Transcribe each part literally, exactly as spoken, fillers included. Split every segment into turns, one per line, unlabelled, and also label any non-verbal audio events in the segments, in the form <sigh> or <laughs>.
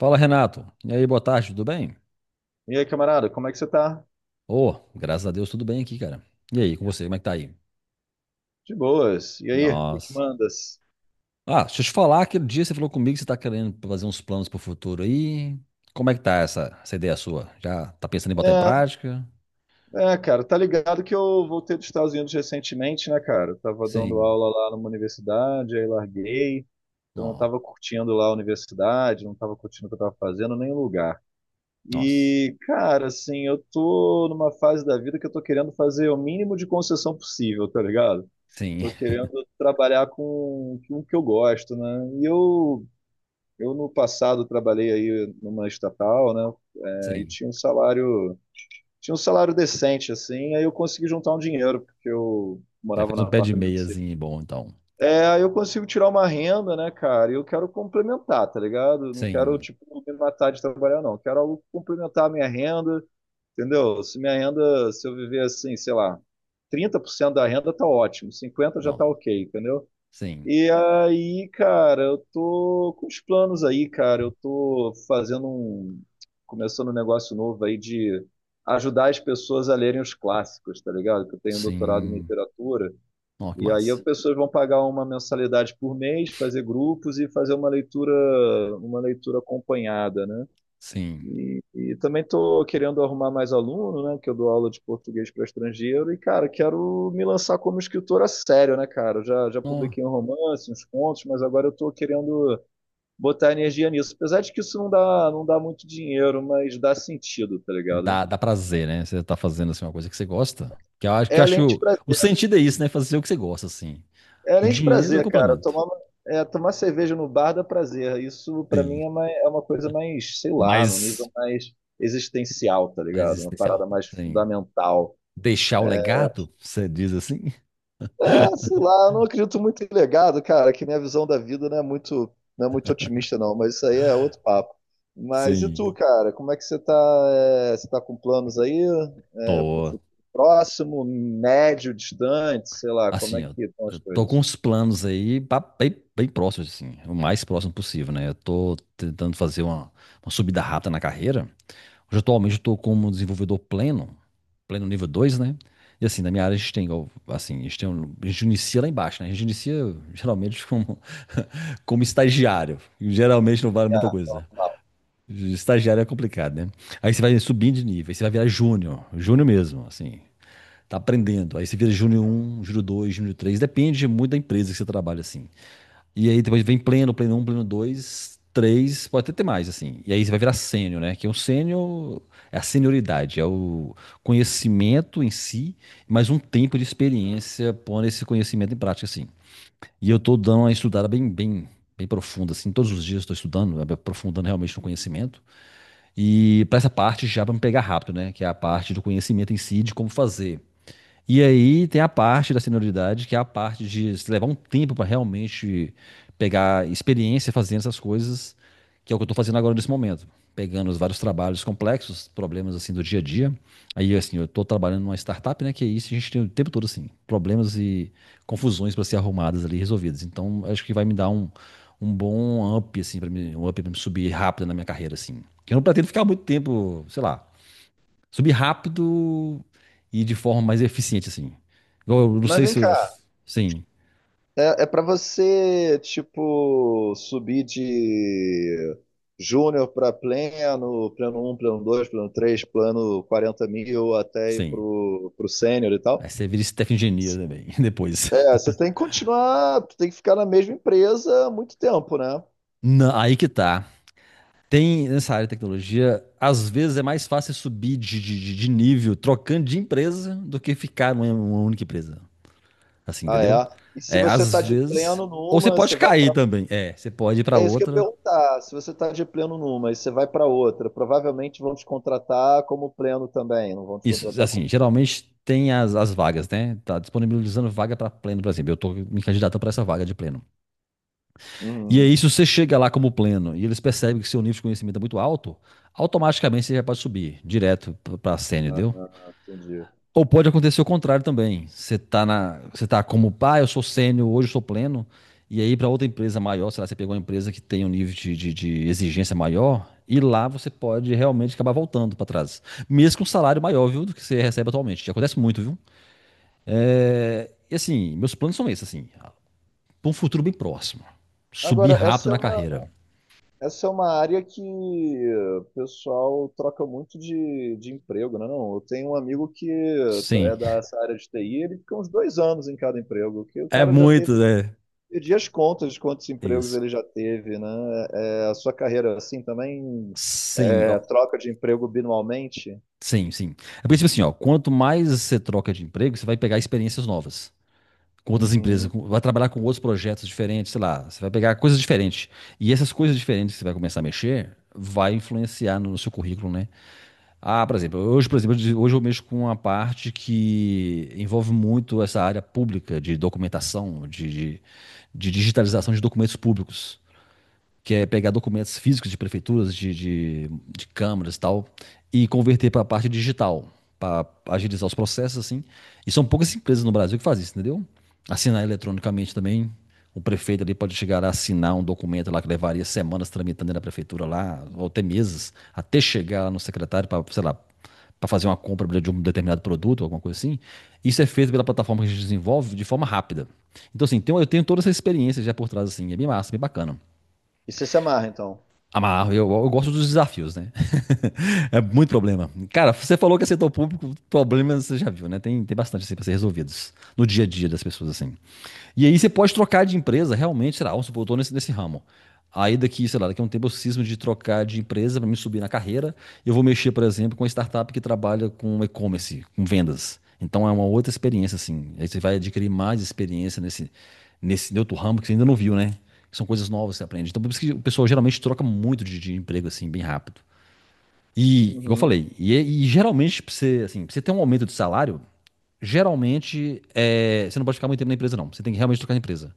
Fala, Renato. E aí, boa tarde, tudo bem?
E aí, camarada, como é que você tá?
Ô, graças a Deus, tudo bem aqui, cara. E aí, com você, como é que tá aí?
De boas. E aí, o que que
Nossa.
mandas?
Ah, deixa eu te falar, aquele dia você falou comigo que você tá querendo fazer uns planos pro futuro aí. Como é que tá essa, essa ideia sua? Já tá pensando em botar em
É,
prática?
é, cara, tá ligado que eu voltei dos Estados Unidos recentemente, né, cara? Eu tava dando
Sim.
aula lá numa universidade, aí larguei. Então, eu não
Ó,
tava curtindo lá a universidade, não tava curtindo o que eu tava fazendo, nem o lugar.
nossa.
E, cara, assim, eu tô numa fase da vida que eu tô querendo fazer o mínimo de concessão possível, tá ligado?
Sim,
Tô querendo trabalhar com, com o que eu gosto, né? E eu, eu no passado trabalhei aí numa estatal, né?
<laughs>
Aí
sim.
tinha um salário, tinha um salário decente, assim, aí eu consegui juntar um dinheiro, porque eu
Já
morava
fez
num
um pé de
apartamento C.
meiazinho bom, então.
É, aí eu consigo tirar uma renda, né, cara? E eu quero complementar, tá ligado? Eu não quero,
Sim.
tipo, me matar de trabalhar, não. Eu quero algo que complementar a minha renda, entendeu? Se minha renda, Se eu viver assim, sei lá, trinta por cento da renda tá ótimo, cinquenta por cento já tá
Não.
ok, entendeu?
Sim.
E aí, cara, eu tô com os planos aí, cara. Eu tô fazendo um. Começando um negócio novo aí de ajudar as pessoas a lerem os clássicos, tá ligado? Que eu tenho doutorado em
Sim.
literatura.
Ó, que
E aí as
massa.
pessoas vão pagar uma mensalidade por mês, fazer grupos e fazer uma leitura, uma leitura acompanhada, né?
Sim.
E, e também estou querendo arrumar mais aluno, né? Que eu dou aula de português para estrangeiro. E, cara, quero me lançar como escritor a sério, né, cara? Eu Já, já
Ó.
publiquei um romance, uns contos, mas agora eu estou querendo botar energia nisso. Apesar de que isso não dá, não dá muito dinheiro, mas dá sentido, tá ligado?
Dá, dá prazer, né? Você tá fazendo assim, uma coisa que você gosta. Que eu acho que
É
eu
além de
acho o
prazer.
sentido é isso, né? Fazer o que você gosta, assim.
É
O
além de
dinheiro é o
prazer, cara.
complemento.
Tomar, é, tomar cerveja no bar dá prazer. Isso, pra mim,
Sim.
é uma, é uma, coisa mais, sei lá, no nível
mais
mais existencial, tá
mais
ligado? Uma
existencial.
parada mais
Sim.
fundamental.
Deixar o legado, você diz assim?
Ah, sei lá, eu não acredito muito em legado, cara, que minha visão da vida não é muito, não é muito otimista, não, mas isso aí é outro papo. Mas e tu,
Sim.
cara, como é que você tá? É, você tá com planos aí? É, pro
Tô.
futuro próximo, médio, distante, sei lá, como é
Assim,
que
eu,
estão as
eu tô com
coisas?
uns planos aí ba- bem, bem próximos, assim. O mais próximo possível, né? Eu tô tentando fazer uma, uma subida rápida na carreira. Hoje, atualmente, eu estou como desenvolvedor pleno, pleno nível dois, né? E assim, na minha área a gente tem, igual, assim, a gente, tem um- a gente inicia lá embaixo, né? A gente inicia geralmente como, <laughs> como estagiário. E geralmente não vale muita
Ah,
coisa.
papo.
Estagiário é complicado, né? Aí você vai subindo de nível, aí você vai virar júnior, júnior mesmo, assim. Tá aprendendo. Aí você vira júnior um, júnior dois, júnior três. Depende muito da empresa que você trabalha, assim. E aí depois vem pleno, pleno um pleno dois três pode até ter mais, assim. E aí você vai virar sênior, né? Que é um sênior, é a senioridade, é o conhecimento em si, mas um tempo de experiência pondo esse conhecimento em prática, assim. E eu tô dando uma estudada bem, bem, bem profunda, assim. Todos os dias estou estudando, né? Aprofundando realmente no conhecimento. E para essa parte já para me pegar rápido, né? Que é a parte do conhecimento em si, de como fazer. E aí tem a parte da senioridade, que é a parte de se levar um tempo para realmente pegar experiência fazendo essas coisas, que é o que eu estou fazendo agora nesse momento. Pegando os vários trabalhos complexos, problemas assim do dia a dia. Aí, assim, eu estou trabalhando numa startup, né? Que é isso, a gente tem o tempo todo, assim, problemas e confusões para ser arrumadas ali, resolvidas. Então, acho que vai me dar um, um bom up, assim, para mim, um up para me subir rápido na minha carreira, assim. Que eu não pretendo ficar muito tempo, sei lá, subir rápido e de forma mais eficiente, assim. Igual eu não
Mas
sei
vem
se eu...
cá,
Sim,
é, é para você, tipo, subir de júnior para pleno, pleno um pleno dois pleno três plano quarenta mil, até ir
sim.
pro, pro sênior e
Aí
tal?
você vira staff engineer também, <laughs> depois.
É, você tem que continuar, tem que ficar na mesma empresa há muito tempo, né?
Não, aí que tá. Tem, nessa área de tecnologia, às vezes é mais fácil subir de, de, de- de nível trocando de empresa do que ficar numa numa única empresa. Assim,
Ah, é.
entendeu?
E se
É,
você tá
às
de
vezes...
pleno
Ou você
numa, você
pode
vai
cair
para.
também. É, você pode ir pra
É isso que eu ia
outra...
perguntar. Se você tá de pleno numa e você vai para outra, provavelmente vão te contratar como pleno também, não vão te
Isso,
contratar como.
assim, geralmente tem as, as vagas, né? Tá disponibilizando vaga pra pleno, por exemplo. Eu tô me candidatando pra essa vaga de pleno. E
Uhum.
aí, se você chega lá como pleno e eles percebem que seu nível de conhecimento é muito alto, automaticamente você já pode subir direto para sênior,
Ah,
entendeu?
entendi.
Ou pode acontecer o contrário também. Você tá na, você tá como, pá, eu sou sênior, hoje eu sou pleno, e aí para outra empresa maior, sei lá, você pegou uma empresa que tem um nível de, de, de exigência maior, e lá você pode realmente acabar voltando para trás. Mesmo com um salário maior, viu, do que você recebe atualmente. Já acontece muito, viu? É, e assim, meus planos são esses, assim, para um futuro bem próximo. Subir
Agora,
rápido
essa é
na
uma,
carreira.
essa é uma área que o pessoal troca muito de, de emprego, né? Não, eu tenho um amigo que
Sim.
é dessa área de T I, ele fica uns dois anos em cada emprego, que o
É
cara já
muito,
teve
né?
perdi as contas de quantos empregos
Isso.
ele já teve, né? É, a sua carreira, assim, também
Sim,
é,
ó.
troca de emprego binualmente?
Sim, sim. É porque, tipo assim, ó, quanto mais você troca de emprego, você vai pegar experiências novas. Com outras empresas,
Uhum,
com- vai trabalhar com outros projetos diferentes, sei lá, você vai pegar coisas diferentes. E essas coisas diferentes que você vai começar a mexer, vai influenciar no seu currículo, né? Ah, por exemplo, hoje, por exemplo, hoje eu mexo com uma parte que envolve muito essa área pública de documentação, de, de de digitalização de documentos públicos. Que é
uhum.
pegar documentos físicos de prefeituras, de, de, de câmaras e tal, e converter para a parte digital, para agilizar os processos, assim. E são poucas empresas no Brasil que fazem isso, entendeu? Assinar eletronicamente também. O prefeito ali pode chegar a assinar um documento lá que levaria semanas tramitando na prefeitura lá, ou até meses, até chegar lá no secretário para, sei lá, para fazer uma compra de um determinado produto, alguma coisa assim. Isso é feito pela plataforma que a gente desenvolve de forma rápida. Então, assim, tem- eu tenho toda essa experiência já por trás, assim, é bem massa, bem bacana.
E você se amarra, então?
Amarro, eu, eu gosto dos desafios, né? <laughs> É muito problema. Cara, você falou que é setor público, problemas você já viu, né? Tem, tem bastante assim para ser resolvidos no dia a dia das pessoas, assim. E aí você pode trocar de empresa, realmente, será? Vamos supor, eu tô nesse, nesse ramo. Aí daqui, sei lá, daqui a um tempo eu cismo de trocar de empresa para me subir na carreira. Eu vou mexer, por exemplo, com uma startup que trabalha com e-commerce, com vendas. Então é uma outra experiência, assim. Aí você vai adquirir mais experiência nesse, nesse outro ramo que você ainda não viu, né? São coisas novas que você aprende. Então, por isso que o pessoal geralmente troca muito de, de emprego, assim, bem rápido. E, igual eu
Uhum,
falei, e, é, e geralmente, pra você, assim, pra você ter um aumento de salário, geralmente, é, você não pode ficar muito tempo na empresa, não. Você tem que realmente trocar de empresa.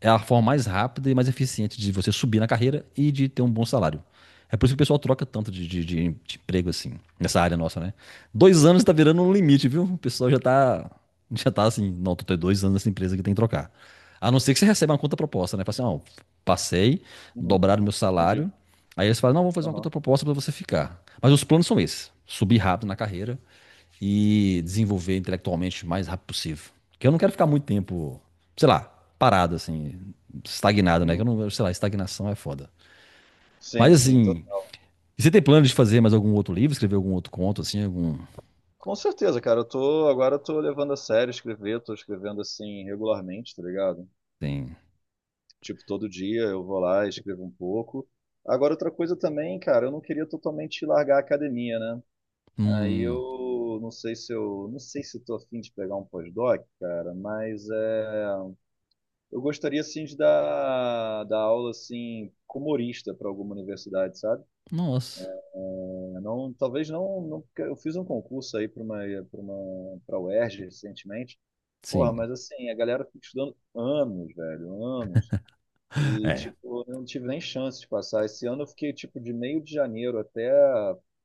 É a forma mais rápida e mais eficiente de você subir na carreira e de ter um bom salário. É por isso que o pessoal troca tanto de, de, de- emprego assim, nessa área nossa, né? Dois anos tá virando um limite, viu? O pessoal já tá, já tá assim, não, tô tem dois anos nessa empresa que tem que trocar. A não ser que você receba uma contraproposta, né? Fala assim, ó, passei,
uhum.
dobraram meu
Entendi.
salário. Aí eles falam, não, vamos fazer uma
Aham.
contraproposta para você ficar. Mas os planos são esses: subir rápido na carreira e desenvolver intelectualmente o mais rápido possível. Porque eu não quero ficar muito tempo, sei lá, parado, assim, estagnado, né? Que
Uhum.
eu não, sei lá, estagnação é foda. Mas
Sim, sim. tô-
assim, e você tem plano de fazer mais algum outro livro, escrever algum outro conto, assim, algum.
Com certeza, cara. Eu tô, agora eu tô levando a sério escrever, tô escrevendo assim regularmente, tá ligado?
Tem.
Tipo, todo dia eu vou lá e escrevo um pouco. Agora, outra coisa também, cara, eu não queria totalmente largar a academia, né? Aí
Hum.
eu não sei se eu não sei se eu tô afim de pegar um pós-doc, cara, mas é, eu gostaria assim de dar, dar aula assim como humorista para alguma universidade, sabe?
Nossa.
É, não, talvez não, não, porque eu fiz um concurso aí para uma para uma para a UERJ recentemente. Porra,
Sim.
mas assim, a galera fica estudando anos, velho, anos. E,
É.
tipo, eu não tive nem chance de passar. Esse ano eu fiquei, tipo, de meio de janeiro até,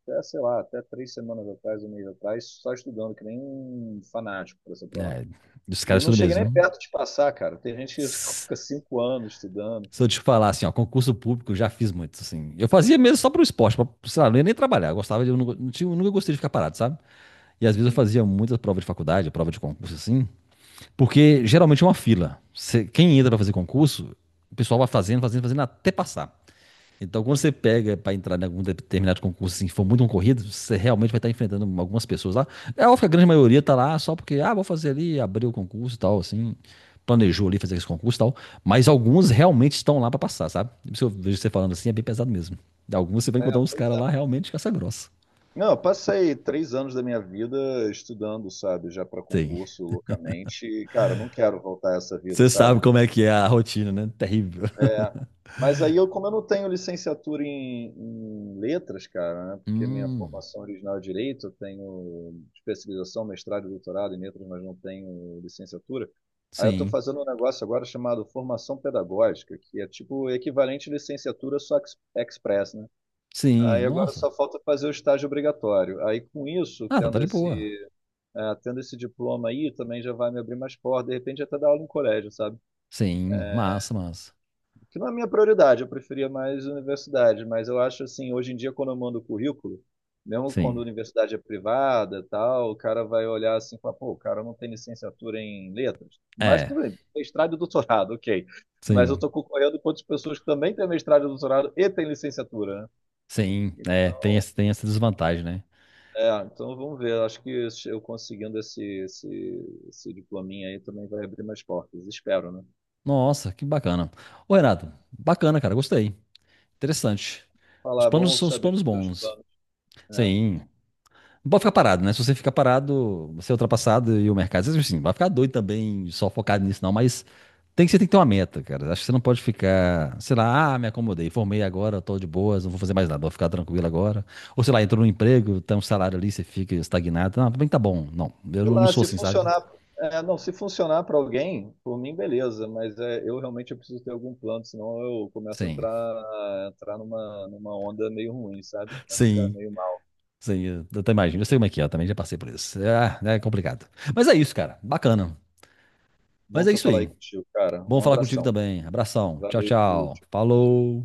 até, sei lá, até três semanas atrás, um mês atrás, só estudando, que nem um fanático para essa prova.
É os
E eu
caras
não
tudo
cheguei
mesmo,
nem
viu?
perto de passar, cara. Tem gente que <laughs>
Se
fica cinco anos estudando.
eu te falar assim, ó, concurso público, eu já fiz muito, assim. Eu fazia mesmo só pro esporte, pra, sei lá, não ia nem trabalhar. Eu gostava de. Eu, não, não tinha- eu nunca gostei de ficar parado, sabe? E às vezes eu
Uhum.
fazia muitas provas de faculdade, prova de concurso assim, porque geralmente é uma fila. Você- quem entra para fazer concurso, o pessoal vai fazendo, fazendo, fazendo até passar. Então, quando você pega para entrar em algum determinado concurso, assim, que for muito concorrido, você realmente vai estar enfrentando algumas pessoas lá. É óbvio que a grande maioria está lá só porque, ah, vou fazer ali, abrir o concurso e tal, assim, planejou ali fazer esse concurso e tal. Mas alguns realmente estão lá para passar, sabe? Se eu vejo você falando assim, é bem pesado mesmo. Alguns você vai encontrar uns
É.
caras lá realmente caça grossa.
Não, eu passei três anos da minha vida estudando, sabe, já para
Sim.
concurso loucamente. E, cara, eu não quero voltar a essa vida,
Você
sabe?
sabe como é que é a rotina, né? Terrível.
É, mas aí eu, como eu não tenho licenciatura em, em letras, cara, né? Porque minha
Hum,
formação original é direito, eu tenho especialização, mestrado e doutorado em letras, mas não tenho licenciatura. Aí eu estou
sim.
fazendo um negócio agora chamado formação pedagógica, que é tipo o equivalente à licenciatura só ex- express, né?
Sim.
Aí agora
Nossa.
só falta fazer o estágio obrigatório. Aí com isso,
Ah, tá, tá
tendo
de
esse,
boa.
eh, tendo esse diploma aí, também já vai me abrir mais portas, de repente até dar aula em colégio, sabe?
Sim. Massa, massa.
Que não é a minha prioridade, eu preferia mais universidade, mas eu acho assim, hoje em dia, quando eu mando currículo, mesmo quando a
Sim.
universidade é privada tal, o cara vai olhar assim e falar, pô, o cara não tem licenciatura em letras, mas
É.
tudo bem, mestrado e doutorado, <laughs> ok. Mas eu
Sim.
estou concorrendo com outras pessoas que também têm mestrado e doutorado e têm licenciatura, né?
Sim. É, tem, esse- tem essa desvantagem, né?
É, então vamos ver. Acho que eu conseguindo esse, esse, esse diplominha aí também vai abrir mais portas. Espero, né?
Nossa, que bacana. Ô, Renato, bacana, cara. Gostei. Interessante. Os
Falar, "É
planos
bom
são os
saber
planos
dos teus
bons.
planos. Né?
Sim. Não pode ficar parado, né? Se você ficar parado, você é ultrapassado e o mercado. Às vezes, assim, vai ficar doido também, só focado nisso, não, mas tem que, você tem que ter uma meta, cara. Acho que você não pode ficar, sei lá, ah, me acomodei, formei agora, tô de boas, não vou fazer mais nada, vou ficar tranquilo agora. Ou sei lá, entrou no emprego, tem um salário ali, você fica estagnado. Não, também tá bom. Não, eu
Sei
não
lá,
sou
se
assim, sabe?
funcionar, é, não, se funcionar para alguém, por mim, beleza, mas é, eu realmente eu preciso ter algum plano, senão eu começo a
Sim,
entrar, entrar numa, numa onda meio ruim, sabe? Começo a ficar
sim,
meio mal.
sim. Eu eu até imagino, eu sei
Assim.
como é que é, eu também já passei por isso. É, é complicado. Mas é isso, cara. Bacana.
Bom
Mas é
tu
isso
falar aí
aí.
contigo, cara.
Bom
Um
falar contigo
abração.
também. Abração. Tchau,
Valeu.
tchau. Falou.